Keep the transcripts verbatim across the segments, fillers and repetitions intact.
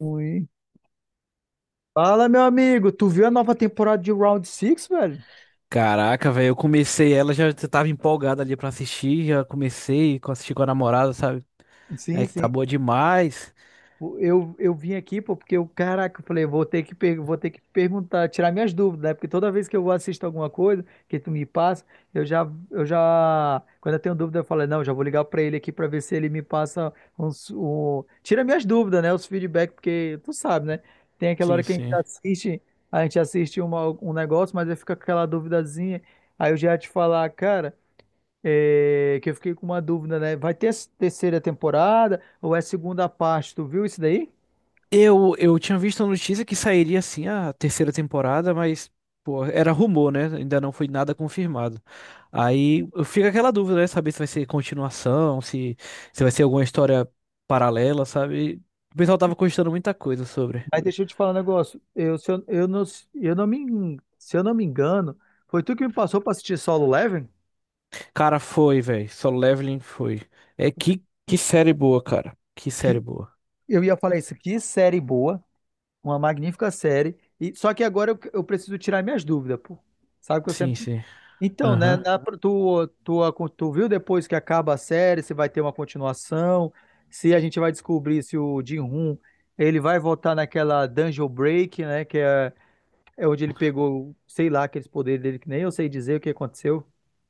Ui. Fala, meu amigo, tu viu a nova temporada de Round Six, velho? Caraca, velho, eu comecei ela, já tava empolgada ali pra assistir, já comecei a assistir com a namorada, sabe? É Sim, que tá sim. boa demais. Eu, eu vim aqui, pô, porque eu, caraca, eu falei, vou ter que, per- vou ter que perguntar, tirar minhas dúvidas, né? Porque toda vez que eu assisto alguma coisa que tu me passa, eu já, eu já, quando eu tenho dúvida, eu falo, não, já vou ligar pra ele aqui pra ver se ele me passa uns, um, tira minhas dúvidas, né? Os feedbacks, porque tu sabe, né? Tem aquela hora Sim, que a gente sim. assiste, a gente assiste uma- um negócio, mas aí fica aquela duvidazinha, aí eu já ia te falar, cara. É, que eu fiquei com uma dúvida, né? Vai ter essa terceira temporada ou é segunda parte? Tu viu isso daí? Eu, eu tinha visto a notícia que sairia assim a terceira temporada, mas pô, era rumor, né? Ainda não foi nada confirmado. Aí eu fico aquela dúvida, né? Saber se vai ser continuação, se, se vai ser alguma história paralela, sabe? O pessoal tava postando muita coisa sobre. Mas deixa eu te falar um negócio. Eu, se eu, eu não, eu não me, en- Se eu não me engano, foi tu que me passou para assistir Solo Leveling? Cara, foi, velho. Solo Leveling foi. É que, que série boa, cara. Que série Que boa. eu ia falar isso. Que série boa, uma magnífica série. E, só que agora eu, eu preciso tirar minhas dúvidas, pô. Sabe que eu Sim, sempre. sim. Então, né, Aham. na- tu, tu, tu viu depois que acaba a série, se vai ter uma continuação, se a gente vai descobrir se o Jin-Hoon, ele vai voltar naquela Dungeon Break, né, que é, é onde ele pegou, sei lá, aqueles poderes dele, que nem eu sei dizer o que aconteceu.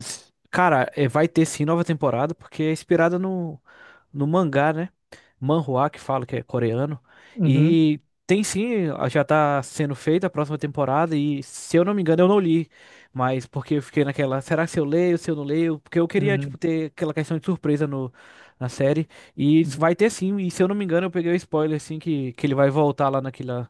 S- Cara, é, vai ter sim nova temporada, porque é inspirada no, no mangá, né? Manhwa, que fala que é coreano. Uhum, E tem sim, a- já tá sendo feita a próxima temporada. E se eu não me engano, eu não li. Mas porque eu fiquei naquela, será que se eu leio, se eu não leio? Porque eu queria, uhum, tipo, ter aquela questão de surpresa no, na série. E isso uhum. vai ter sim. E se eu não me engano, eu peguei o spoiler, assim, que, que ele vai voltar lá naquela,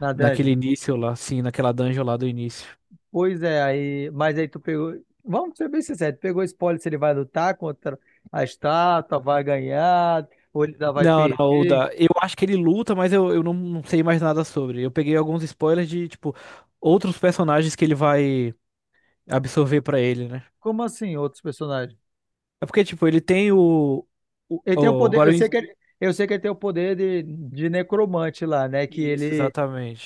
Na naquele Dungeon. início lá, sim, naquela dungeon lá do início. Pois é, aí, mas aí tu pegou, vamos ser bem sinceros, tu pegou spoiler se ele vai lutar contra a estátua, vai ganhar, ou ele ainda vai Não, não, o perder. da. Eu acho que ele luta, mas eu, eu não, não sei mais nada sobre. Eu peguei alguns spoilers de, tipo, outros personagens que ele vai absorver pra ele, né? Como assim, outros personagens? É porque, tipo, ele tem o. o, Ele tem o o- poder, eu agora eu... en- sei que Então, ele, eu sei que ele tem o poder de, de necromante lá, né? Que Isso, ele,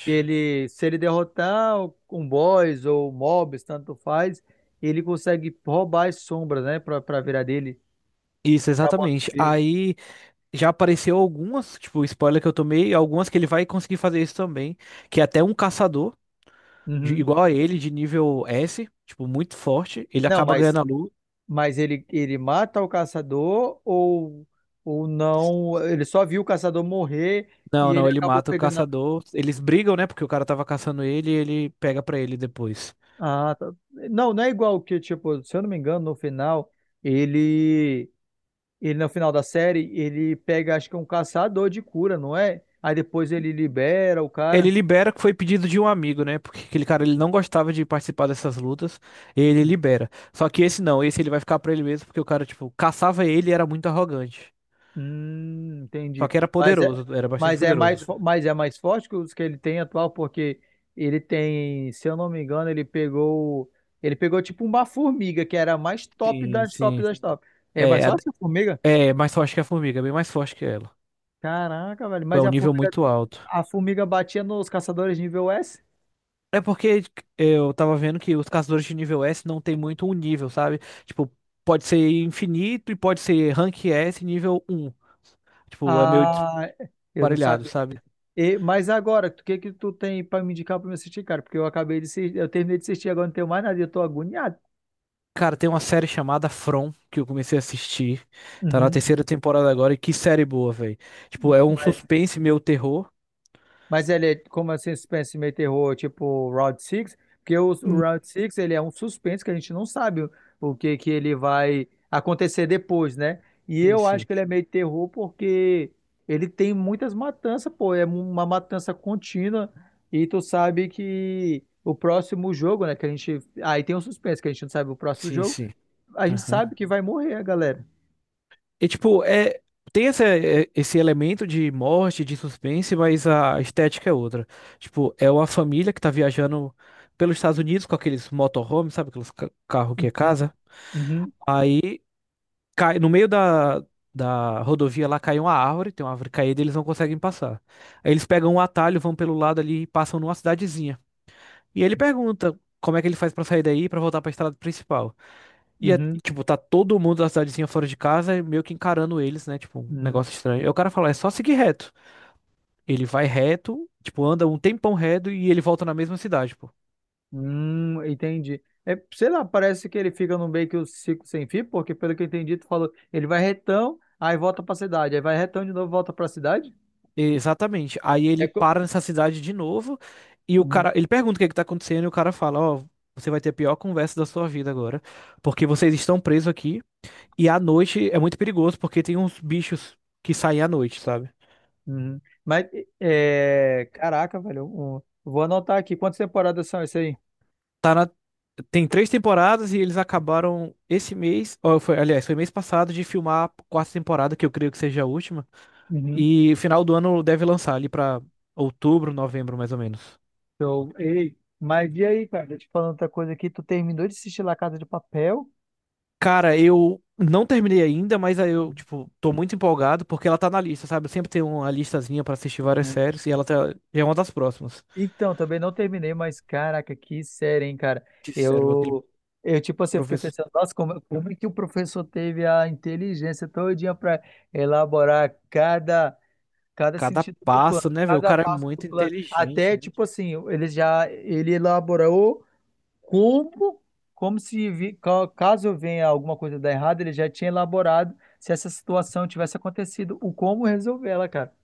que ele, Se ele derrotar um boss ou um mobs, tanto faz, ele consegue roubar as sombras, né? Pra, pra virar dele, Isso, virar exatamente. morto-vivo. Aí já apareceu algumas, tipo, spoiler que eu tomei, algumas que ele vai conseguir fazer isso também. Que é até um caçador, de- Uhum. igual a ele, de nível S, tipo, muito forte, ele Não, acaba mas, ganhando a luta. mas ele, ele mata o caçador ou, ou não? Ele só viu o caçador morrer Não, e não, ele ele acabou mata o pegando. a- caçador. Eles brigam, né? Porque o cara tava caçando ele e ele pega pra ele depois. Ah, tá. Não, não é igual que, tipo, se eu não me engano, no final, ele. Ele, no final da série, ele pega, acho que é um caçador de cura, não é? Aí depois ele libera o Ele cara. libera que foi pedido de um amigo, né? Porque aquele cara ele não gostava de participar dessas lutas. E ele libera. Só que esse não, esse ele vai ficar pra ele mesmo porque o cara, tipo, caçava ele e era muito arrogante. Hum, Só entendi. que era Mas é, poderoso, era bastante mas é poderoso. mais, fo- mas é mais forte que os que ele tem atual, porque ele tem, se eu não me engano, ele pegou, ele pegou tipo uma formiga, que era a mais top Sim, das top sim. das top. É mais É, a- forte que a formiga? é mais forte que a formiga, bem mais forte que ela. Caraca, velho. É Mas um a nível formiga, muito alto. a formiga batia nos caçadores nível S? É porque eu tava vendo que os caçadores de nível S não tem muito um nível, sabe? Tipo, pode ser infinito e pode ser rank S nível um. Tipo, é meio Ah, eu não desparelhado, sabia sabe? disso. E, mas agora, o que que tu tem pra me indicar pra me assistir, cara? Porque eu acabei de assistir, eu terminei de assistir, agora não tenho mais nada, e eu tô agoniado. Cara, tem uma série chamada From que eu comecei a assistir. Tá na Uhum. terceira temporada agora e que série boa, velho. Tipo, é um Mas suspense meio terror. Mas ele é como assim, suspense meio terror, tipo Round Six. Porque o, o Hum. Round Six ele é um suspense que a gente não sabe o, o que que ele vai acontecer depois, né? E Sim, eu acho sim. que ele é meio terror porque ele tem muitas matanças, pô, é uma matança contínua e tu sabe que o próximo jogo, né, que a gente, aí tem um suspense que a gente não sabe o próximo Sim, jogo, sim. a gente sabe que vai morrer a galera. E tipo, é, tem essa, é, esse elemento de morte, de suspense, mas a estética é outra. Tipo, é uma família que tá viajando pelos Estados Unidos com aqueles motorhomes, sabe? Aqueles ca- carro que é casa. Uhum, Aí cai no meio da, da rodovia lá cai uma árvore, tem uma árvore caída e eles não conseguem passar. Aí eles pegam um atalho, vão pelo lado ali e passam numa cidadezinha. E ele pergunta como é que ele faz pra sair daí e pra voltar pra estrada principal. E é, uhum, tipo, tá todo mundo da cidadezinha fora de casa, meio que encarando eles, né? Tipo, um uhum. negócio estranho. Aí o cara fala, é só seguir reto. Ele vai reto, tipo, anda um tempão reto e ele volta na mesma cidade, pô. Hum, entendi. É, sei lá, parece que ele fica no meio que o ciclo sem fim, porque pelo que eu entendi, tu falou, ele vai retão, aí volta pra cidade, aí vai retão de novo, volta pra cidade? Exatamente. Aí É ele co- para nessa cidade de novo e o Uhum, cara, ele pergunta o que é que tá acontecendo e o cara fala, ó, você vai ter a pior conversa da sua vida agora, porque vocês estão presos aqui e à noite é muito perigoso porque tem uns bichos que saem à noite, sabe? uhum. Mas, é, caraca, velho, eu- eu vou anotar aqui quantas temporadas são isso aí. Tá na... Tem três temporadas e eles acabaram esse mês, ou foi, aliás, foi mês passado de filmar a quarta temporada, que eu creio que seja a última. Uhum. E final do ano deve lançar ali pra outubro, novembro, mais ou menos. Então, ei, mas e aí, cara, deixa eu te falando outra coisa aqui, tu terminou de assistir La Casa de Papel? Cara, eu não terminei ainda, mas aí eu, tipo, tô muito empolgado porque ela tá na lista, sabe? Eu sempre tenho uma listazinha pra assistir várias séries e ela tá... é uma das próximas. Então, também não terminei, mas caraca, que série, hein, cara. Que sério, aquele Eu, eu tipo assim, eu fiquei professor. pensando, nossa, como, como é que o professor teve a inteligência todinha para elaborar cada, cada Cada sentido do passo, plano, né, velho? O cada cara é passo do muito plano. inteligente. Até, tipo assim, ele já, ele elaborou como, como se, vi- ca- caso venha alguma coisa dar errado, ele já tinha elaborado se essa situação tivesse acontecido, o como resolver ela, cara.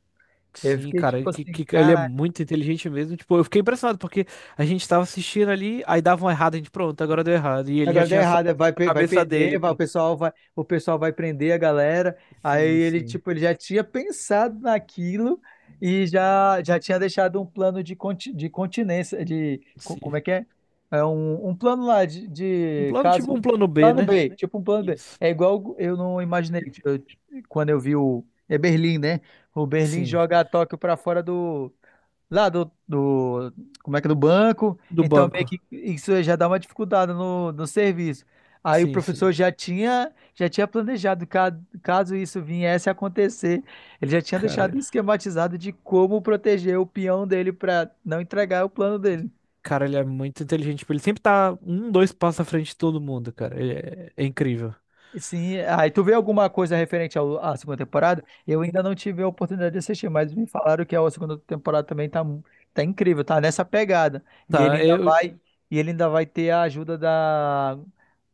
Eu Sim, fiquei, cara, tipo que, assim, que- que ele é caraca. muito inteligente mesmo. Tipo, eu fiquei impressionado porque a gente tava assistindo ali, aí dava um errado, a gente, pronto, agora deu errado. E ele já Agora deu tinha só errado, é, vai, a pe- vai cabeça perder, dele, vai, o pô. pessoal vai, o pessoal vai prender a galera. Aí Sim, ele, sim, tipo, ele já tinha pensado naquilo e já, já tinha deixado um plano de, conti, de continência, de, co- sim. como é que é? É um, um plano lá de, Um de plano caso, tipo um um plano B, plano né? B, tipo um plano B. Isso. É igual eu não imaginei, eu- quando eu vi o, é Berlim, né? O Berlim Sim, joga Tóquio pra fora do, lá do, do, como é que é, do banco, do então meio banco. que isso já dá uma dificuldade no, no serviço. Aí o Sim, sim. professor já tinha, já tinha planejado, ca- caso isso viesse a acontecer, ele já tinha Cara, deixado esquematizado de como proteger o peão dele para não entregar o plano dele. cara, ele é muito inteligente. Tipo, ele sempre tá um, dois passos à frente de todo mundo, cara. Ele é, é incrível. Sim, aí tu vê alguma coisa referente ao- à segunda temporada? Eu ainda não tive a oportunidade de assistir, mas me falaram que a segunda temporada também tá, mu- tá incrível, tá nessa pegada. E ele Tá, ainda eu, vai, e ele ainda vai ter a ajuda da,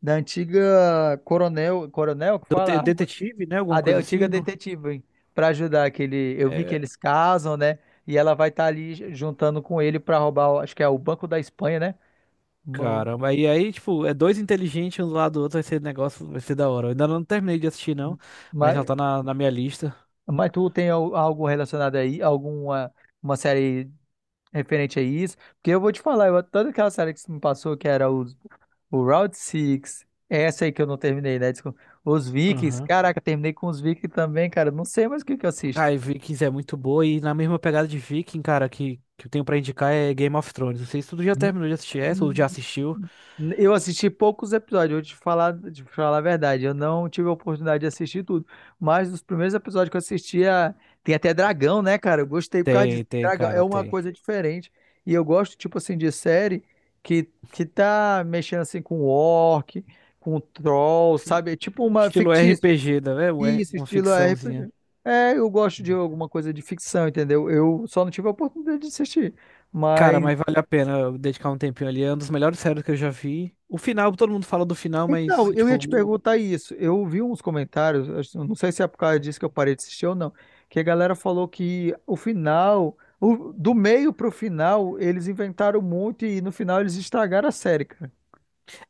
da antiga coronel, coronel que dote- fala, detetive, né? a, Alguma a de- coisa assim, antiga não? detetive, para ajudar que ele, eu vi É. que eles casam, né? E ela vai estar ali juntando com ele para roubar, o- acho que é o Banco da Espanha, né? Bom, Caramba, aí aí, tipo, é dois inteligentes um do lado do outro, vai ser negócio, vai ser da hora. Eu ainda não terminei de assistir, não, mas já mas, tá na, na minha lista. mas tu tem al- algo relacionado aí, alguma uma série referente a isso, porque eu vou te falar, eu, toda aquela série que você me passou, que era os, o Round Six essa aí que eu não terminei, né? Desculpa. Os Vikings, Aham. caraca, terminei com os Vikings também, cara, eu não sei mais o que que eu assisto. Ah, e Vikings é muito boa, e na mesma pegada de Viking, cara, que, que eu tenho pra indicar é Game of Thrones. Não sei se tu já terminou de assistir essa ou já assistiu. Eu assisti poucos episódios, eu vou te falar, te falar a verdade. Eu não tive a oportunidade de assistir tudo. Mas os primeiros episódios que eu assistia, tem até dragão, né, cara? Eu gostei por causa disso. Tem, Tem tem, dragão é cara, uma tem. coisa diferente. E eu gosto, tipo assim, de série que, que tá mexendo assim com orc, com troll, Sim. sabe? É tipo uma Estilo fictícia. R P G, né? Uma Isso, uma estilo ficçãozinha. R P G. É, eu gosto de alguma coisa de ficção, entendeu? Eu só não tive a oportunidade de assistir. Cara, Mas mas vale a pena eu dedicar um tempinho ali. É um dos melhores séries que eu já vi. O final, todo mundo fala do final, Então, mas, eu tipo. ia te perguntar isso. Eu vi uns comentários, acho- eu não sei se é por causa disso que eu parei de assistir ou não, que a galera falou que o final, o- do meio pro final, eles inventaram muito e no final eles estragaram a série, cara.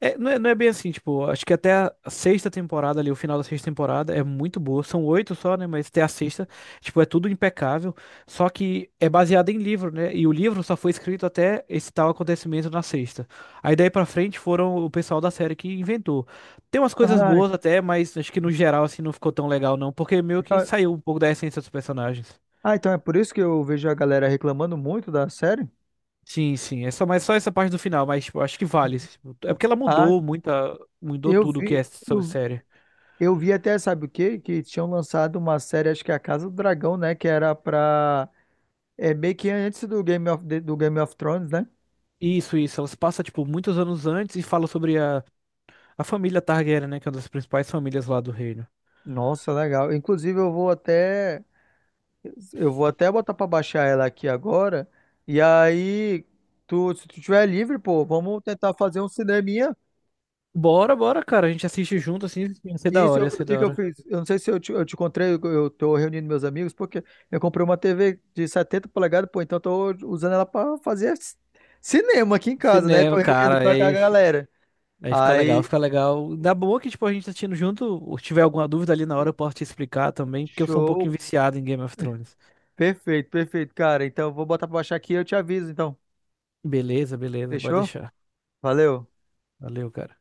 É, não é, não é bem assim, tipo, acho que até a sexta temporada ali, o final da sexta temporada é muito boa. São oito só, né? Mas até a sexta, tipo, é tudo impecável. Só que é baseado em livro, né? E o livro só foi escrito até esse tal acontecimento na sexta. Aí daí pra frente foram o pessoal da série que inventou. Tem umas coisas Ah, boas até, mas acho que no geral, assim, não ficou tão legal, não. Porque meio que então saiu um pouco da essência dos personagens. ah, então é por isso que eu vejo a galera reclamando muito da série? Sim, sim. É só, mas só essa parte do final, mas, tipo, acho que vale. Tipo, é porque ela Ah, mudou muita, mudou eu tudo o que é vi, sobre eu, série. eu vi até, sabe o quê? Que tinham lançado uma série, acho que é a Casa do Dragão, né? Que era pra. É meio que antes do Game of, do Game of Thrones, né? Isso, isso. Ela se passa, tipo, muitos anos antes e fala sobre a, a família Targaryen, né? Que é uma das principais famílias lá do reino. Nossa, legal. Inclusive, eu vou até eu vou até botar pra baixar ela aqui agora. E aí, tu, se tu tiver livre, pô, vamos tentar fazer um cineminha. Bora, bora, cara. A gente assiste junto, assim, ia ser E da isso, hora, eu- ia o ser que da que eu hora. fiz? Eu não sei se eu te, eu te encontrei, eu eu tô reunindo meus amigos, porque eu comprei uma T V de setenta polegadas, pô, então eu tô usando ela pra fazer c- cinema aqui em casa, né? Tô Cinema, reunindo cara, com a com a aí, fi- galera. aí fica legal, Aí, fica legal. Ainda boa que, tipo, a gente tá assistindo junto. Ou Se tiver alguma dúvida ali na hora, eu posso te explicar também, porque eu sou um pouquinho show. viciado em Game of Thrones. Perfeito, perfeito, cara. Então, eu vou botar pra baixar aqui e eu te aviso, então. Beleza, beleza, pode Fechou? deixar. Valeu. Valeu, cara.